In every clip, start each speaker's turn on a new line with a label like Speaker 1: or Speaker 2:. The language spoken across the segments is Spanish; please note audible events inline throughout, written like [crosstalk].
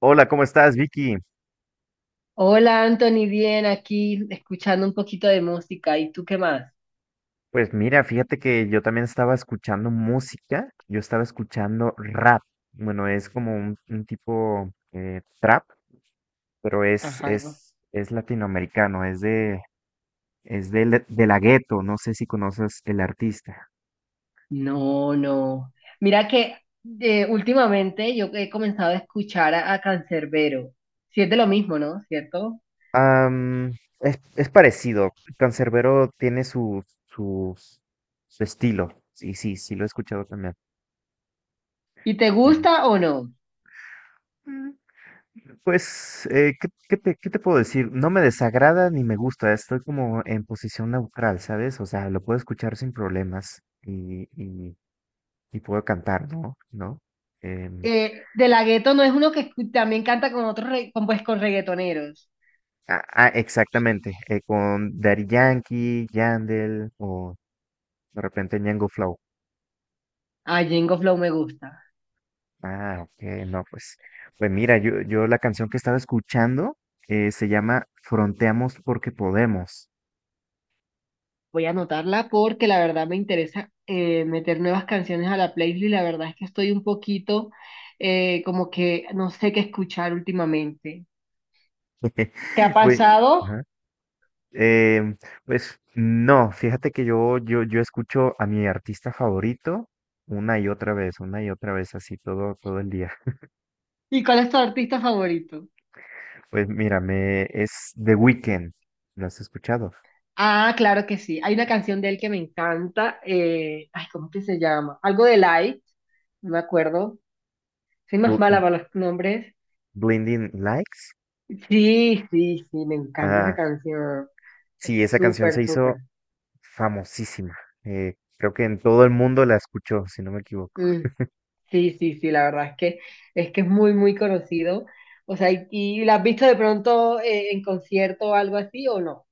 Speaker 1: Hola, ¿cómo estás, Vicky?
Speaker 2: Hola Anthony, bien aquí escuchando un poquito de música. ¿Y tú qué más?
Speaker 1: Pues mira, fíjate que yo también estaba escuchando música, yo estaba escuchando rap. Bueno, es como un tipo trap, pero es,
Speaker 2: Ajá.
Speaker 1: es, es latinoamericano, es de de la Ghetto, no sé si conoces el artista.
Speaker 2: No, no. Mira que últimamente yo he comenzado a escuchar a Canserbero. Si es de lo mismo, ¿no? ¿Cierto?
Speaker 1: Am, es parecido, Cancerbero tiene su estilo, sí lo he escuchado también.
Speaker 2: ¿Y te gusta o no?
Speaker 1: Ujú. Pues, ¿ qué te puedo decir? No me desagrada ni me gusta, estoy como en posición neutral, ¿sabes? O sea, lo puedo escuchar sin problemas y puedo cantar, ¿no? ¿No? Em,
Speaker 2: De la Gueto no es uno que también canta con otros, pues con reggaetoneros.
Speaker 1: exactamente, con Daddy Yankee, Yandel o de repente Ñengo Flow.
Speaker 2: Ah, Jengo Flow me gusta.
Speaker 1: Ah, ok, no, pues, pues mira, yo la canción que estaba escuchando se llama Fronteamos porque podemos.
Speaker 2: Voy a anotarla porque la verdad me interesa meter nuevas canciones a la playlist. La verdad es que estoy un poquito como que no sé qué escuchar últimamente.
Speaker 1: [laughs]
Speaker 2: ¿Te ha
Speaker 1: Fue-
Speaker 2: pasado?
Speaker 1: ajá. Eh, pues no, fíjate que yo escucho a mi artista favorito una y otra vez, una y otra vez, así todo el día.
Speaker 2: ¿Y cuál es tu artista favorito?
Speaker 1: [laughs] Pues mira, es The Weeknd, ¿lo has escuchado?
Speaker 2: Ah, claro que sí. Hay una canción de él que me encanta. Ay, ¿cómo que se llama? Algo de Light, no me acuerdo. Soy más
Speaker 1: Bl-
Speaker 2: mala
Speaker 1: m-
Speaker 2: para los nombres.
Speaker 1: Blinding Lights.
Speaker 2: Sí, sí, sí, me encanta esa
Speaker 1: Ah,
Speaker 2: canción. Es
Speaker 1: sí, esa canción se
Speaker 2: súper,
Speaker 1: hizo
Speaker 2: súper.
Speaker 1: famosísima. Creo que en todo el mundo la escuchó, si no me equivoco.
Speaker 2: Mm. Sí, sí, sí, la verdad es que es muy, muy conocido. O sea, y la has visto de pronto en concierto o algo así o no?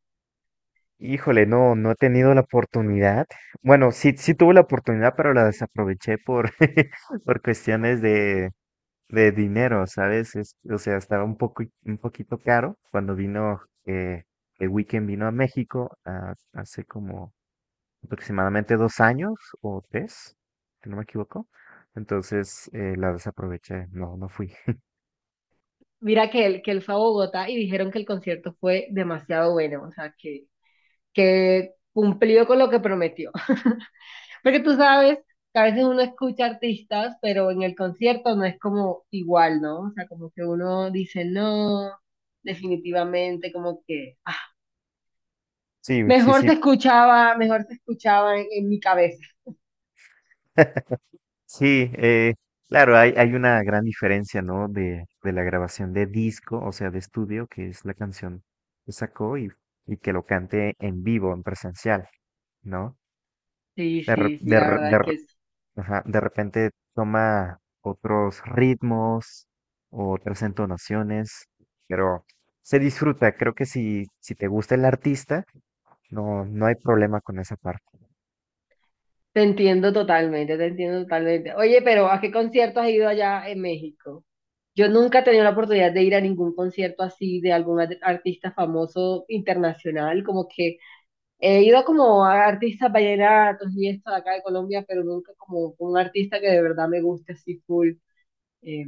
Speaker 1: Híjole, no, no he tenido la oportunidad. Bueno, sí tuve la oportunidad, pero la desaproveché por, [laughs] por cuestiones de dinero, ¿sabes? O sea, estaba un poco, un poquito caro cuando vino, el Weekend vino a México, hace como aproximadamente dos años o tres, si no me equivoco. Entonces, la desaproveché, no, no fui. [laughs]
Speaker 2: Mira que él fue a Bogotá y dijeron que el concierto fue demasiado bueno, o sea, que cumplió con lo que prometió. [laughs] Porque tú sabes que a veces uno escucha artistas, pero en el concierto no es como igual, ¿no? O sea, como que uno dice, no, definitivamente, como que, ah,
Speaker 1: Sí, güey, sí, sí,
Speaker 2: mejor se escuchaba en mi cabeza.
Speaker 1: [laughs] sí, claro, hay una gran diferencia, ¿no? De la grabación de disco, o sea, de estudio, que es la canción que sacó y que lo cante en vivo, en presencial, ¿no?
Speaker 2: Sí,
Speaker 1: De, re-
Speaker 2: sí, sí,
Speaker 1: de,
Speaker 2: la
Speaker 1: re-
Speaker 2: verdad
Speaker 1: de
Speaker 2: es que sí.
Speaker 1: Ajá, de repente toma otros ritmos o otras entonaciones, pero se disfruta. Creo que si, si te gusta el artista, no, no hay problema con esa parte.
Speaker 2: Te entiendo totalmente, te entiendo totalmente. Oye, pero ¿a qué concierto has ido allá en México? Yo nunca he tenido la oportunidad de ir a ningún concierto así de artista famoso internacional, como que he ido como a artistas vallenatos y esto de acá de Colombia, pero nunca como un artista que de verdad me guste así full. Eh,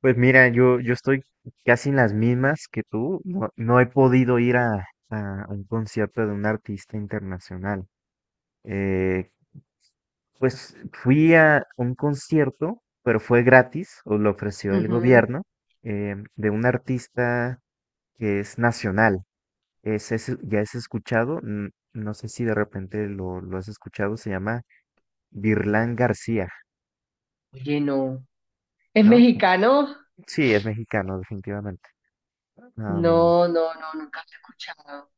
Speaker 1: Pues mira, yo estoy casi en las mismas que tú. No, no he podido ir a un concierto de un artista internacional. Eh, pues fui a un concierto, pero fue gratis, o lo ofreció el
Speaker 2: ujú.
Speaker 1: gobierno, de un artista que es nacional. Ya has escuchado, no sé si de repente lo has escuchado, se llama Virlán García,
Speaker 2: Oye, no. ¿Es
Speaker 1: ¿no?
Speaker 2: mexicano?
Speaker 1: Sí, es mexicano, definitivamente. Am,
Speaker 2: No, no, no, nunca lo he escuchado.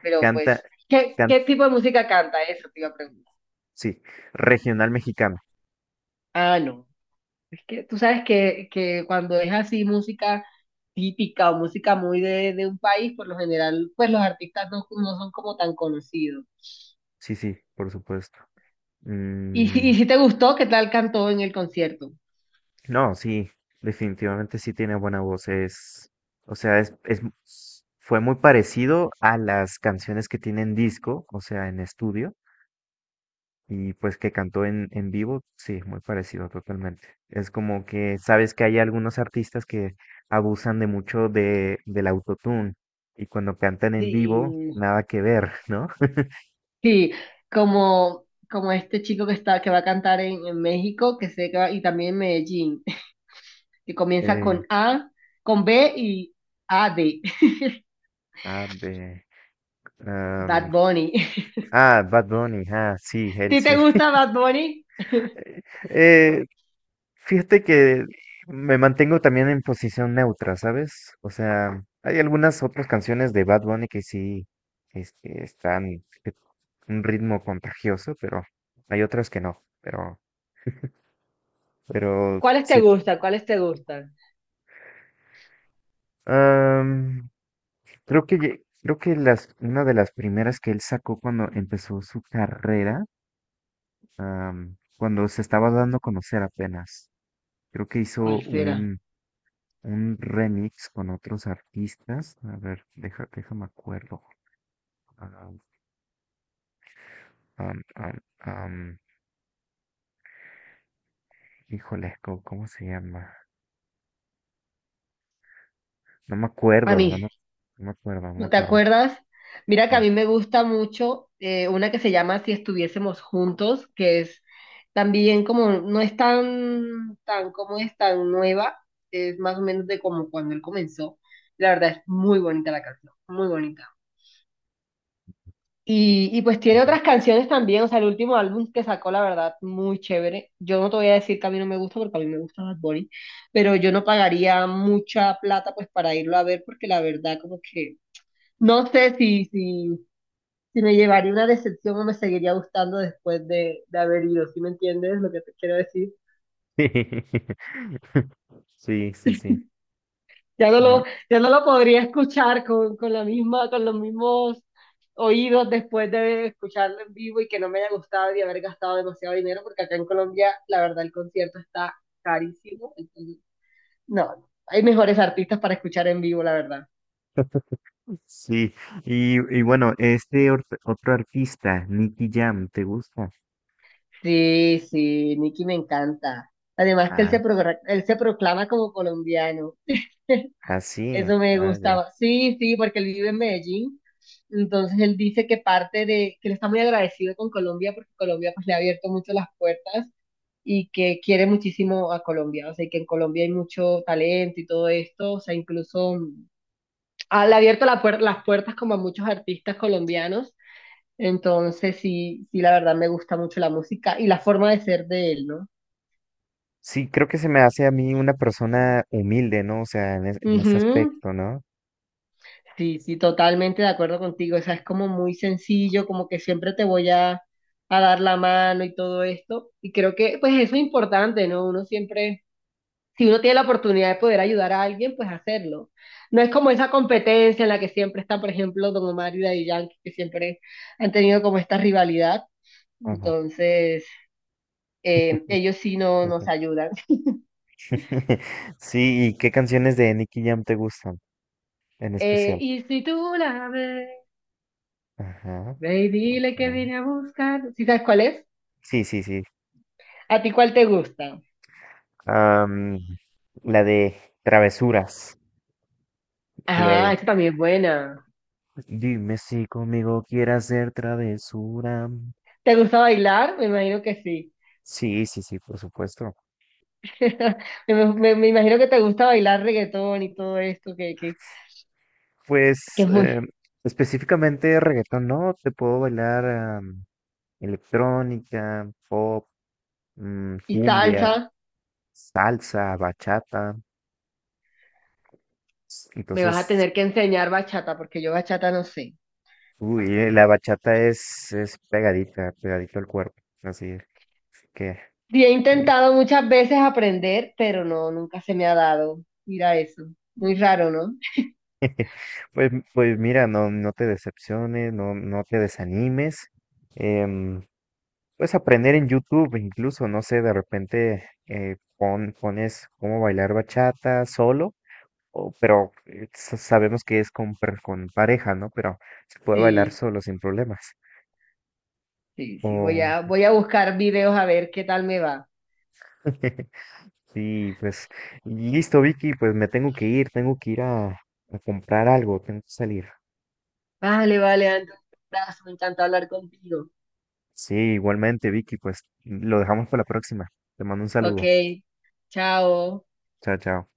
Speaker 2: Pero
Speaker 1: canta,
Speaker 2: pues, ¿qué,
Speaker 1: can-
Speaker 2: qué tipo de música canta eso? Te iba a preguntar.
Speaker 1: sí, regional mexicano,
Speaker 2: Ah, no. Es que tú sabes que cuando es así música típica o música muy de un país, por lo general, pues los artistas no, no son como tan conocidos.
Speaker 1: sí, sí, por supuesto.
Speaker 2: Y [laughs]
Speaker 1: Mm,
Speaker 2: si, y si te gustó, ¿qué tal cantó en el concierto?
Speaker 1: no, sí, definitivamente sí tiene buena voz, o sea, fue muy parecido a las canciones que tienen disco, o sea, en estudio. Y pues que cantó en vivo, sí, muy parecido totalmente. Es como que sabes que hay algunos artistas que abusan de mucho de, del autotune y cuando cantan en vivo,
Speaker 2: Sí,
Speaker 1: nada que ver, ¿no? [laughs]
Speaker 2: sí, como, como este chico que está, que va a cantar en México, que sé que y también en Medellín, [laughs] que comienza
Speaker 1: Eh,
Speaker 2: con A, con B y A de [laughs]
Speaker 1: a ver, am,
Speaker 2: Bad Bunny. [laughs]
Speaker 1: ah, Bad Bunny, ah, sí, él
Speaker 2: ¿Si te
Speaker 1: sí.
Speaker 2: gusta Bad Bunny?
Speaker 1: [laughs] Eh, fíjate que me mantengo también en posición neutra, ¿sabes? O sea, hay algunas otras canciones de Bad Bunny que sí están eh, un ritmo contagioso, pero hay otras que no. Pero
Speaker 2: ¿Cuáles te
Speaker 1: sí.
Speaker 2: gustan? ¿Cuáles te gustan?
Speaker 1: am, creo que creo que una de las primeras que él sacó cuando empezó su carrera, am, cuando se estaba dando a conocer apenas. Creo que hizo
Speaker 2: ¿Cuál será?
Speaker 1: un remix con otros artistas. A ver, deja, déjame acuerdo. Ah, am, am, am, híjole, ¿cómo se llama? No me
Speaker 2: A
Speaker 1: acuerdo, no
Speaker 2: mí,
Speaker 1: me, no me acuerdo, no me
Speaker 2: ¿no te
Speaker 1: acuerdo.
Speaker 2: acuerdas? Mira que a
Speaker 1: No.
Speaker 2: mí me gusta mucho una que se llama Si estuviésemos juntos, que es también como, no es tan, tan, como es tan nueva, es más o menos de como cuando él comenzó. La verdad es muy bonita la canción, muy bonita. Y pues tiene
Speaker 1: Ujú.
Speaker 2: otras canciones también, o sea, el último álbum que sacó, la verdad, muy chévere. Yo no te voy a decir que a mí no me gusta, porque a mí me gusta Bad Bunny, pero yo no pagaría mucha plata pues para irlo a ver, porque la verdad como que no sé si, si, si me llevaría una decepción o me seguiría gustando después de haber ido, ¿sí me entiendes lo que te quiero decir?
Speaker 1: [laughs] Sí, sí, sí.
Speaker 2: Ya no
Speaker 1: Mm,
Speaker 2: lo, ya no lo podría escuchar con la misma, con los mismos oídos después de escucharlo en vivo y que no me haya gustado y haber gastado demasiado dinero, porque acá en Colombia, la verdad, el concierto está carísimo. Entonces, no, hay mejores artistas para escuchar en vivo, la verdad.
Speaker 1: sí, y bueno, otro artista, Nicky Jam, ¿te gusta?
Speaker 2: Sí, sí, Nicky me encanta. Además que
Speaker 1: Ah,
Speaker 2: él se proclama como colombiano.
Speaker 1: ah, sí,
Speaker 2: Eso me
Speaker 1: ah, ya.
Speaker 2: gustaba. Sí, sí, porque él vive en Medellín. Entonces él dice que que él está muy agradecido con Colombia porque Colombia pues le ha abierto mucho las puertas y que quiere muchísimo a Colombia. O sea, y que en Colombia hay mucho talento y todo esto. O sea, incluso mm, le ha abierto las puertas como a muchos artistas colombianos. Entonces sí, sí, la verdad me gusta mucho la música y la forma de ser de él,
Speaker 1: Sí, creo que se me hace a mí una persona humilde, ¿no? O sea, en ese
Speaker 2: ¿no?
Speaker 1: aspecto, ¿no?
Speaker 2: Sí, sí, totalmente de acuerdo contigo. O sea, es como muy sencillo, como que siempre te voy a dar la mano y todo esto. Y creo que, pues, eso es importante, ¿no? Uno siempre, si uno tiene la oportunidad de poder ayudar a alguien, pues hacerlo. No es como esa competencia en la que siempre está, por ejemplo, Don Omar y Daddy Yankee, que siempre han tenido como esta rivalidad. Entonces, ellos sí no nos
Speaker 1: [laughs]
Speaker 2: ayudan. [laughs]
Speaker 1: Sí, ¿y qué canciones de Nicky Jam te gustan en especial?
Speaker 2: Y si tú la ves,
Speaker 1: Ajá,
Speaker 2: ve y dile que
Speaker 1: ok.
Speaker 2: vine a buscar. ¿Sí sabes cuál es?
Speaker 1: Sí, sí, sí.
Speaker 2: ¿A ti cuál te gusta?
Speaker 1: Am, la de travesuras. La
Speaker 2: Ah,
Speaker 1: de
Speaker 2: esta también es buena.
Speaker 1: dime si conmigo quieres hacer travesura.
Speaker 2: ¿Te gusta bailar? Me imagino que sí.
Speaker 1: Sí, sí, sí, por supuesto.
Speaker 2: [laughs] Me imagino que te gusta bailar reggaetón y todo esto,
Speaker 1: Pues
Speaker 2: que es muy...
Speaker 1: eh, específicamente reggaetón, ¿no? Te puedo bailar electrónica, pop,
Speaker 2: Y
Speaker 1: cumbia,
Speaker 2: salsa,
Speaker 1: salsa, bachata.
Speaker 2: me vas a
Speaker 1: Entonces,
Speaker 2: tener que enseñar bachata, porque yo bachata no sé.
Speaker 1: uy, la bachata es pegadita, pegadito al cuerpo, así que,
Speaker 2: Sí, he
Speaker 1: eh,
Speaker 2: intentado muchas veces aprender, pero no, nunca se me ha dado. Mira eso. Muy raro, ¿no? [laughs]
Speaker 1: pues, pues mira, no, no te decepciones, no, no te desanimes, em, puedes aprender en YouTube, incluso, no sé, de repente pones cómo bailar bachata solo, o, pero sabemos que es con, con pareja, ¿no? Pero se puede bailar
Speaker 2: Sí,
Speaker 1: solo sin problemas,
Speaker 2: sí, sí.
Speaker 1: o...
Speaker 2: Voy a buscar videos a ver qué tal me va.
Speaker 1: [laughs] Sí, pues listo, Vicky, pues me tengo que ir a comprar algo, tengo que salir.
Speaker 2: Vale, vale, Andrés. Un abrazo, me encanta hablar contigo.
Speaker 1: Sí, igualmente, Vicky, pues lo dejamos para la próxima. Te mando un
Speaker 2: Ok,
Speaker 1: saludo.
Speaker 2: chao.
Speaker 1: Chao, chao.